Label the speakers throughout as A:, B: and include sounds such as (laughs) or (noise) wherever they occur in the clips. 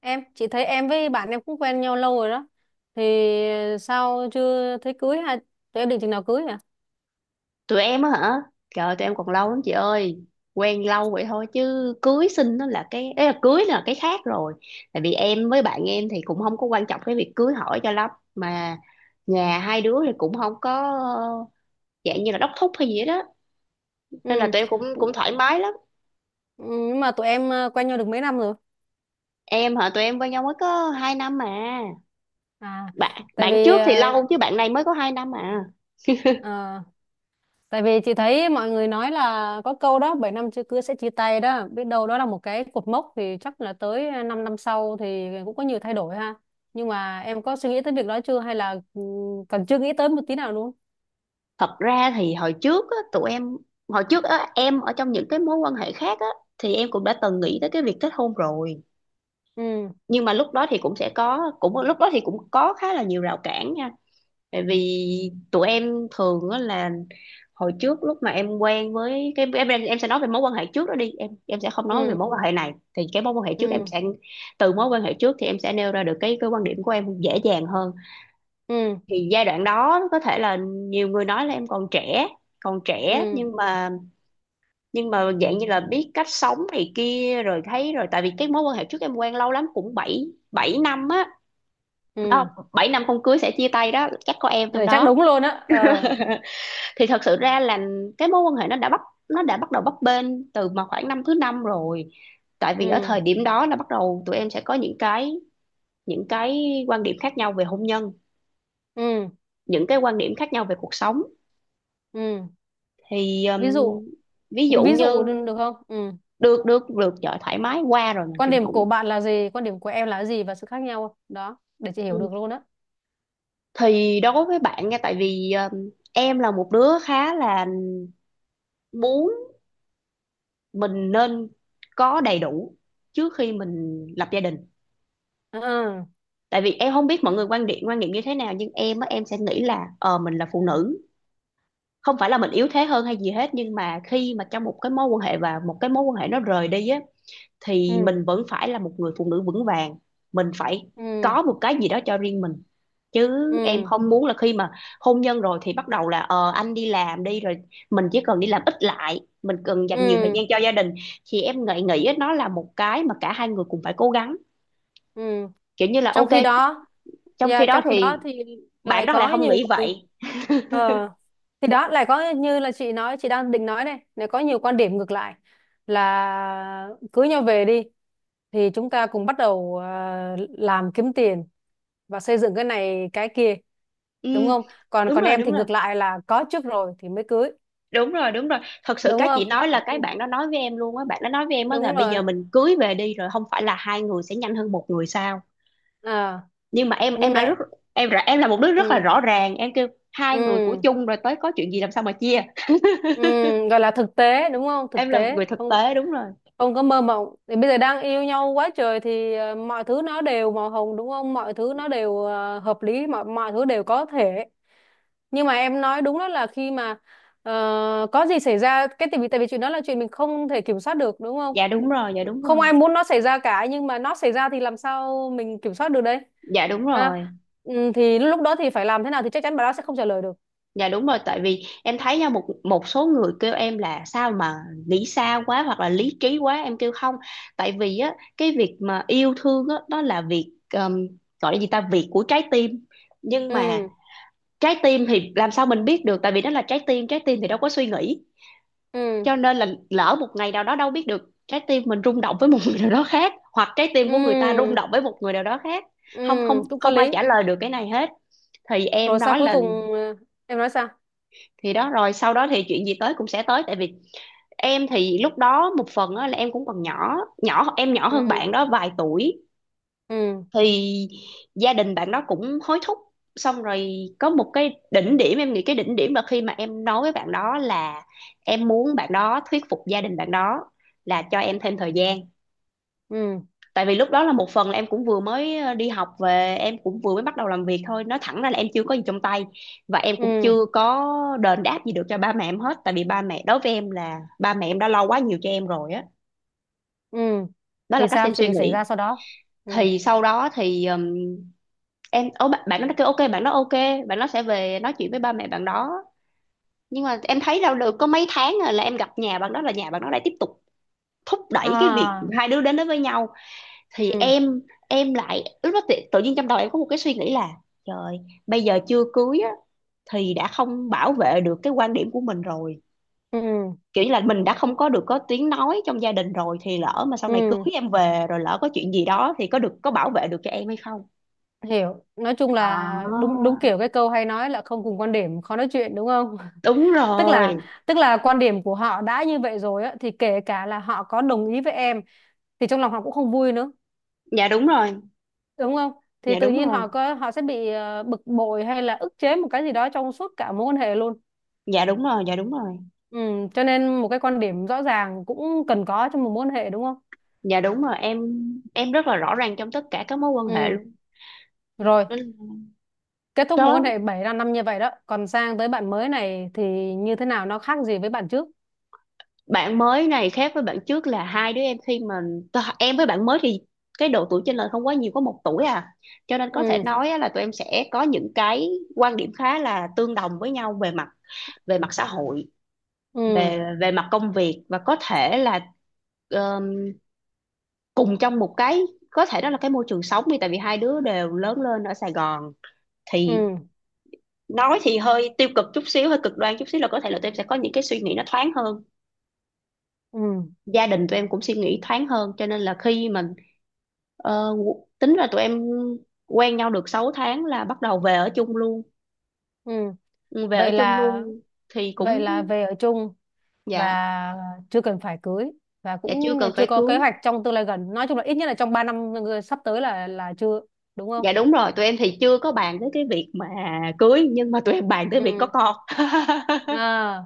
A: Em, chị thấy em với bạn em cũng quen nhau lâu rồi đó thì sao chưa thấy cưới, hay tụi em định chừng nào cưới hả?
B: Tụi em á hả? Trời, tụi em còn lâu lắm chị ơi. Quen lâu vậy thôi chứ cưới xin nó là cái ấy, là cưới là cái khác rồi. Tại vì em với bạn em thì cũng không có quan trọng cái việc cưới hỏi cho lắm mà. Nhà hai đứa thì cũng không có, ờ, dạng như là đốc thúc hay gì hết đó. Nên là
A: Ừ.
B: tụi em cũng cũng thoải mái lắm.
A: Ừ, nhưng mà tụi em quen nhau được mấy năm rồi?
B: Em hả? Tụi em quen nhau mới có 2 năm mà.
A: À.
B: bạn
A: tại
B: bạn
A: vì
B: trước thì
A: ờ,
B: lâu, chứ bạn này mới có 2 năm à.
A: ờ, tại vì chị thấy mọi người nói là có câu đó 7 năm chưa cưới sẽ chia tay đó, biết đâu đó là một cái cột mốc, thì chắc là tới 5 năm năm sau thì cũng có nhiều thay đổi ha. Nhưng mà em có suy nghĩ tới việc đó chưa, hay là còn chưa nghĩ tới một tí nào luôn?
B: Thật ra thì hồi trước á, em ở trong những cái mối quan hệ khác á, thì em cũng đã từng nghĩ tới cái việc kết hôn rồi.
A: Ừ,
B: Nhưng mà lúc đó thì cũng có khá là nhiều rào cản nha. Tại vì tụi em thường á, là hồi trước lúc mà em quen với cái em sẽ nói về mối quan hệ trước đó đi, em sẽ không nói về
A: ừ,
B: mối quan hệ này. Thì cái mối quan hệ trước em
A: ừ,
B: sẽ từ mối quan hệ trước thì em sẽ nêu ra được cái quan điểm của em dễ dàng hơn.
A: ừ,
B: Thì giai đoạn đó có thể là nhiều người nói là em còn trẻ, còn trẻ
A: ừ,
B: nhưng mà dạng như là biết cách sống này kia rồi, thấy rồi. Tại vì cái mối quan hệ trước em quen lâu lắm, cũng bảy, 7 năm á.
A: ừ,
B: Đó,
A: ừ.
B: 7 năm không cưới sẽ chia tay đó, chắc có em trong
A: Ừ, chắc
B: đó.
A: đúng luôn á ờ
B: Thì thật sự ra là cái mối quan hệ nó đã bắt đầu bấp bênh từ mà khoảng năm thứ năm rồi. Tại vì ở
A: ừ,
B: thời điểm đó là bắt đầu tụi em sẽ có những cái quan điểm khác nhau về hôn nhân,
A: ừ,
B: những cái quan điểm khác nhau về cuộc sống.
A: ừ.
B: Thì
A: Ví dụ.
B: ví
A: ví,
B: dụ
A: ví
B: như...
A: dụ được được không? Ừ.
B: được được được chợ thoải mái qua rồi mình
A: Quan
B: chuyển
A: điểm của
B: cũ.
A: bạn là gì, quan điểm của em là gì, và sự khác nhau đó để chị hiểu
B: Ừ.
A: được luôn á?
B: Thì đối với bạn nha, tại vì em là một đứa khá là muốn mình nên có đầy đủ trước khi mình lập gia đình.
A: Ừ,
B: Tại vì em không biết mọi người quan điểm, quan niệm như thế nào, nhưng em á em sẽ nghĩ là, mình là phụ nữ, không phải là mình yếu thế hơn hay gì hết, nhưng mà khi mà trong một cái mối quan hệ, và một cái mối quan hệ nó rời đi á, thì
A: ừ,
B: mình vẫn phải là một người phụ nữ vững vàng, mình phải
A: ừ,
B: có một cái gì đó cho riêng mình chứ. Em
A: ừ,
B: không muốn là khi mà hôn nhân rồi thì bắt đầu là, anh đi làm đi, rồi mình chỉ cần đi làm ít lại, mình cần dành nhiều thời
A: ừ,
B: gian cho gia đình. Thì em nghĩ nghĩ nó là một cái mà cả hai người cùng phải cố gắng,
A: ừ.
B: kiểu như là
A: Trong
B: ok.
A: khi đó,
B: Trong khi
A: yeah,
B: đó
A: trong khi đó
B: thì
A: thì lại
B: bạn đó lại
A: có
B: không
A: nhiều
B: nghĩ
A: người.
B: vậy.
A: ờ thì đó, lại có như là chị nói, chị đang định nói này, lại có nhiều quan điểm ngược lại, là cưới nhau về đi thì chúng ta cùng bắt đầu làm kiếm tiền và xây dựng cái này cái kia,
B: Ừ,
A: đúng không? còn
B: đúng
A: còn
B: rồi,
A: em
B: đúng
A: thì
B: rồi,
A: ngược lại, là có trước rồi thì mới cưới,
B: đúng rồi, đúng rồi. Thật sự
A: đúng
B: cái chị
A: không?
B: nói là cái
A: (laughs)
B: bạn đó nói với em á, là
A: Đúng
B: bây
A: rồi.
B: giờ mình cưới về đi, rồi không phải là hai người sẽ nhanh hơn một người sao?
A: À.
B: Nhưng mà
A: Nhưng
B: em là rất
A: mà
B: em ra- em là một đứa rất là
A: ừ,
B: rõ ràng, em kêu hai người của
A: ừ,
B: chung rồi tới có chuyện gì làm sao mà chia.
A: ừ, gọi là thực tế, đúng không?
B: Em
A: Thực
B: là một người
A: tế
B: thực
A: không?
B: tế, đúng rồi.
A: Không có mơ mộng, thì bây giờ đang yêu nhau quá trời thì mọi thứ nó đều màu hồng, đúng không? Mọi thứ nó đều hợp lý, mọi mọi thứ đều có thể. Nhưng mà em nói đúng đó, là khi mà có gì xảy ra cái, tại vì chuyện đó là chuyện mình không thể kiểm soát được, đúng không?
B: Dạ đúng rồi, dạ đúng
A: Không
B: rồi,
A: ai muốn nó xảy ra cả, nhưng mà nó xảy ra thì làm sao mình kiểm soát được đây,
B: dạ đúng rồi,
A: ha? Ừ, thì lúc đó thì phải làm thế nào, thì chắc chắn bà đó sẽ không trả lời được.
B: dạ đúng rồi. Tại vì em thấy nha, một một số người kêu em là sao mà nghĩ xa quá hoặc là lý trí quá, em kêu không. Tại vì á cái việc mà yêu thương á, đó là việc, gọi là gì ta, việc của trái tim. Nhưng mà
A: Ừ,
B: trái tim thì làm sao mình biết được, tại vì đó là trái tim. Trái tim thì đâu có suy nghĩ.
A: ừ,
B: Cho nên là lỡ một ngày nào đó đâu biết được, trái tim mình rung động với một người nào đó khác, hoặc trái tim của người ta rung
A: ừ,
B: động với một người nào đó khác.
A: ừ,
B: Không, không,
A: cũng có
B: không ai
A: lý.
B: trả lời được cái này hết. Thì em
A: Rồi sau
B: nói
A: cuối
B: là,
A: cùng, ờ, em nói sao?
B: thì đó, rồi sau đó thì chuyện gì tới cũng sẽ tới. Tại vì em thì lúc đó một phần là em cũng còn nhỏ, em nhỏ hơn
A: Ừ,
B: bạn đó vài tuổi.
A: ừ,
B: Thì gia đình bạn đó cũng hối thúc. Xong rồi có một cái đỉnh điểm, em nghĩ cái đỉnh điểm là khi mà em nói với bạn đó là em muốn bạn đó thuyết phục gia đình bạn đó là cho em thêm thời gian.
A: ừ,
B: Tại vì lúc đó là một phần là em cũng vừa mới đi học về, em cũng vừa mới bắt đầu làm việc thôi, nói thẳng ra là em chưa có gì trong tay, và em cũng
A: ừ,
B: chưa có đền đáp gì được cho ba mẹ em hết. Tại vì ba mẹ đối với em là ba mẹ em đã lo quá nhiều cho em rồi á.
A: ừ.
B: Đó là
A: Thì
B: cách
A: sao,
B: em
A: chuyện
B: suy
A: gì xảy
B: nghĩ.
A: ra sau đó? Ừ.
B: Thì sau đó thì em ô bạn nó kêu ok, bạn nó ok, bạn nó sẽ về nói chuyện với ba mẹ bạn đó. Nhưng mà em thấy đâu được có mấy tháng rồi là em gặp nhà bạn đó, là nhà bạn đó lại tiếp tục thúc đẩy cái việc
A: À.
B: hai đứa đến đó với nhau. Thì
A: Ừ,
B: em lại lúc đó tự nhiên trong đầu em có một cái suy nghĩ là, trời, bây giờ chưa cưới á, thì đã không bảo vệ được cái quan điểm của mình rồi.
A: ừ,
B: Kiểu như là mình đã không có được có tiếng nói trong gia đình rồi, thì lỡ mà sau này cưới
A: ừ.
B: em về rồi lỡ có chuyện gì đó thì có được có bảo vệ được cho em hay không.
A: Hiểu. Nói chung
B: À,
A: là đúng, đúng kiểu cái câu hay nói là không cùng quan điểm khó nói chuyện, đúng không?
B: đúng
A: (laughs) tức là
B: rồi.
A: tức là quan điểm của họ đã như vậy rồi á, thì kể cả là họ có đồng ý với em, thì trong lòng họ cũng không vui nữa,
B: Dạ đúng rồi,
A: đúng không? Thì
B: dạ
A: tự
B: đúng
A: nhiên
B: rồi,
A: họ có, họ sẽ bị bực bội hay là ức chế một cái gì đó trong suốt cả mối quan hệ luôn.
B: dạ đúng rồi, dạ đúng rồi,
A: Ừ, cho nên một cái quan điểm rõ ràng cũng cần có trong một mối quan hệ, đúng không?
B: dạ đúng rồi. Em rất là rõ ràng trong tất cả các mối quan hệ
A: Ừ,
B: luôn.
A: rồi,
B: Nên
A: kết thúc mối quan
B: đó,
A: hệ 7 năm năm như vậy đó. Còn sang tới bạn mới này thì như thế nào, nó khác gì với bạn trước?
B: bạn mới này khác với bạn trước là hai đứa em khi mà em với bạn mới thì cái độ tuổi chênh lệch không quá nhiều, có 1 tuổi à. Cho nên có thể
A: Ừ,
B: nói á là tụi em sẽ có những cái quan điểm khá là tương đồng với nhau về mặt, về mặt xã hội,
A: ừ,
B: về về mặt công việc, và có thể là um, cùng trong một cái, có thể đó là cái môi trường sống đi, tại vì hai đứa đều lớn lên ở Sài Gòn.
A: ừ,
B: Thì nói thì hơi tiêu cực chút xíu, hơi cực đoan chút xíu, là có thể là tụi em sẽ có những cái suy nghĩ nó thoáng hơn.
A: ừ,
B: Gia đình tụi em cũng suy nghĩ thoáng hơn, cho nên là khi mình ờ, tính là tụi em quen nhau được 6 tháng là bắt đầu về ở chung luôn.
A: ừ.
B: Ừ, về ở
A: Vậy
B: chung
A: là
B: luôn. Thì
A: vậy
B: cũng...
A: là về ở chung, và
B: dạ.
A: chưa cần phải cưới, và
B: Dạ, chưa
A: cũng
B: cần
A: chưa
B: phải
A: có
B: cưới.
A: kế hoạch trong tương lai gần. Nói chung là ít nhất là trong 3 năm sắp tới là chưa, đúng không?
B: Dạ đúng rồi, tụi em thì chưa có bàn tới cái việc mà cưới, nhưng mà tụi em bàn tới việc có
A: Ừ.
B: con.
A: À,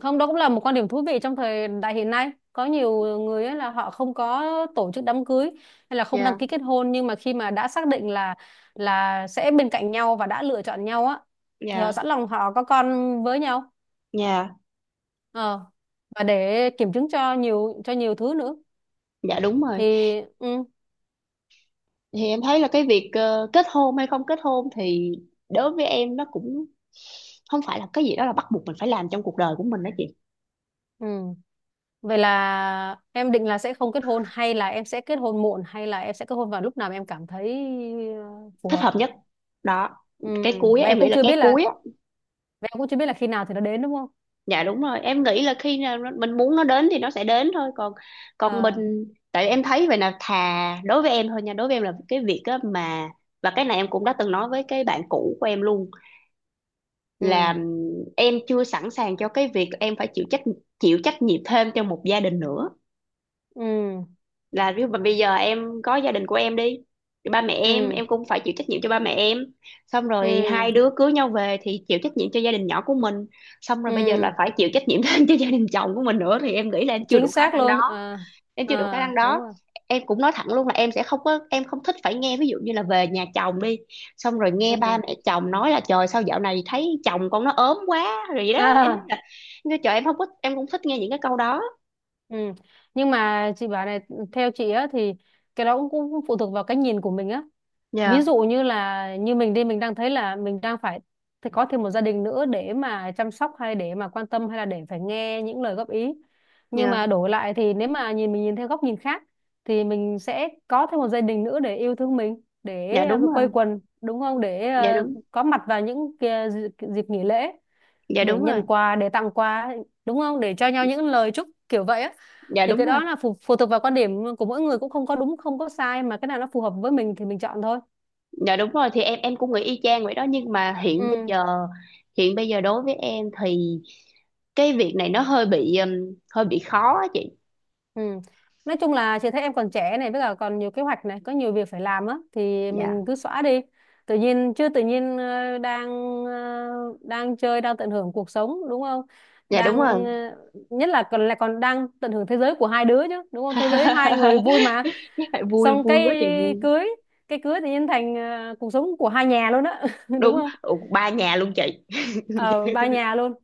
A: không, đó cũng là một quan điểm thú vị trong thời đại hiện nay, có nhiều người ấy là họ không có tổ chức đám cưới hay là
B: (laughs)
A: không đăng
B: Dạ.
A: ký kết hôn, nhưng mà khi mà đã xác định là sẽ bên cạnh nhau và đã lựa chọn nhau á, thì họ
B: Dạ.
A: sẵn lòng họ có con với nhau.
B: Dạ.
A: ờ và để kiểm chứng cho nhiều thứ nữa,
B: Dạ đúng rồi.
A: thì ừ,
B: Thì em thấy là cái việc kết hôn hay không kết hôn thì đối với em nó cũng không phải là cái gì đó là bắt buộc mình phải làm trong cuộc đời của mình đó chị.
A: ừ. Vậy là em định là sẽ không kết hôn, hay là em sẽ kết hôn muộn, hay là em sẽ kết hôn vào lúc nào mà em cảm thấy phù
B: Thích
A: hợp?
B: hợp nhất, đó.
A: Ừ.
B: Cái cuối á,
A: và
B: em
A: em
B: nghĩ
A: cũng
B: là
A: chưa
B: cái
A: biết là
B: cuối á.
A: và em cũng chưa biết là khi nào thì nó đến, đúng không?
B: Dạ đúng rồi, em nghĩ là khi nào mình muốn nó đến thì nó sẽ đến thôi, còn còn
A: Ờ,
B: mình... Tại em thấy vậy là thà đối với em thôi nha, đối với em là cái việc á mà, và cái này em cũng đã từng nói với cái bạn cũ của em luôn,
A: ừ,
B: là em chưa sẵn sàng cho cái việc em phải chịu trách nhiệm thêm cho một gia đình nữa.
A: ừ,
B: Là ví dụ mà bây giờ em có gia đình của em đi, thì ba mẹ em
A: ừ,
B: em cũng phải chịu trách nhiệm cho ba mẹ em, xong rồi
A: ừ,
B: hai đứa cưới nhau về thì chịu trách nhiệm cho gia đình nhỏ của mình, xong rồi bây giờ
A: ừ,
B: là phải chịu trách nhiệm (laughs) thêm cho gia đình chồng của mình nữa. Thì em nghĩ là em chưa đủ
A: chính
B: khả
A: xác
B: năng
A: luôn
B: đó.
A: à.
B: Em chưa đủ khả
A: À,
B: năng
A: đúng
B: đó.
A: rồi.
B: Em cũng nói thẳng luôn là em sẽ không có em không thích phải nghe, ví dụ như là về nhà chồng đi xong rồi
A: Ừ.
B: nghe ba mẹ chồng nói là, trời sao dạo này thấy chồng con nó ốm quá, rồi vậy đó. Em nói
A: À.
B: là, em kêu, trời, em không có em cũng thích nghe những cái câu đó.
A: Ừ. Nhưng mà chị bảo này, theo chị á thì cái đó cũng phụ thuộc vào cái nhìn của mình á. Ví
B: Dạ.
A: dụ như là, như mình đi, mình đang thấy là mình đang phải, thì có thêm một gia đình nữa để mà chăm sóc, hay để mà quan tâm, hay là để phải nghe những lời góp ý. Nhưng mà
B: Dạ.
A: đổi lại thì nếu mà nhìn, mình nhìn theo góc nhìn khác, thì mình sẽ có thêm một gia đình nữa để yêu thương mình,
B: Dạ
A: để
B: đúng
A: quây
B: rồi.
A: quần, đúng không, để
B: Dạ đúng.
A: có mặt vào những kia dịp nghỉ lễ,
B: Dạ
A: để
B: đúng rồi,
A: nhận quà, để tặng quà, đúng không, để cho nhau những lời chúc kiểu vậy á.
B: dạ
A: Thì
B: đúng
A: cái
B: rồi,
A: đó là phụ thuộc vào quan điểm của mỗi người, cũng không có đúng không có sai, mà cái nào nó phù hợp với mình thì mình chọn thôi.
B: dạ đúng rồi. Thì em cũng nghĩ y chang vậy đó, nhưng mà
A: Ừ,
B: hiện bây giờ đối với em thì cái việc này nó hơi bị khó á chị.
A: ừ. Nói chung là chị thấy em còn trẻ này, với cả còn nhiều kế hoạch này, có nhiều việc phải làm á, thì mình
B: Dạ.
A: cứ xóa đi tự nhiên chứ, tự nhiên đang ờ, đang chơi, đang tận hưởng cuộc sống, đúng không?
B: Dạ đúng
A: Đang
B: rồi.
A: nhất là còn đang tận hưởng thế giới của hai đứa chứ, đúng không? Thế giới hai người vui mà.
B: (laughs) Vui,
A: Xong cái
B: vui quá chị, vui.
A: cưới, cái cưới tự nhiên thành cuộc sống của hai nhà luôn á, (laughs) đúng
B: Đúng.
A: không?
B: Ừ, ba nhà luôn chị.
A: Ờ, ba nhà luôn.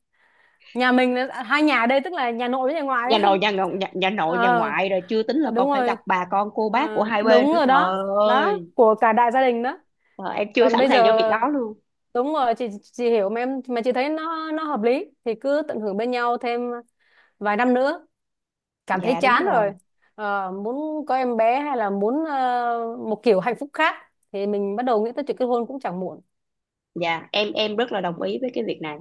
A: Hai nhà ở đây tức là nhà nội với nhà ngoại á. (laughs)
B: Nhà nội nhà
A: Ờ.
B: ngoại, rồi chưa tính là
A: Ờ,
B: còn
A: đúng
B: phải
A: rồi.
B: gặp bà con cô bác của
A: Ờ,
B: hai bên
A: đúng
B: nữa,
A: rồi
B: trời
A: đó, đó
B: ơi.
A: của cả đại gia đình đó.
B: Trời, em chưa
A: Còn
B: sẵn
A: bây
B: sàng
A: giờ
B: cho việc đó luôn.
A: đúng rồi. Chị hiểu mà em, mà chị thấy nó hợp lý thì cứ tận hưởng bên nhau thêm vài năm nữa, cảm thấy
B: Dạ đúng
A: chán
B: rồi.
A: rồi, muốn có em bé hay là muốn một kiểu hạnh phúc khác, thì mình bắt đầu nghĩ tới chuyện kết hôn cũng chẳng muộn.
B: Dạ, em rất là đồng ý với cái việc này.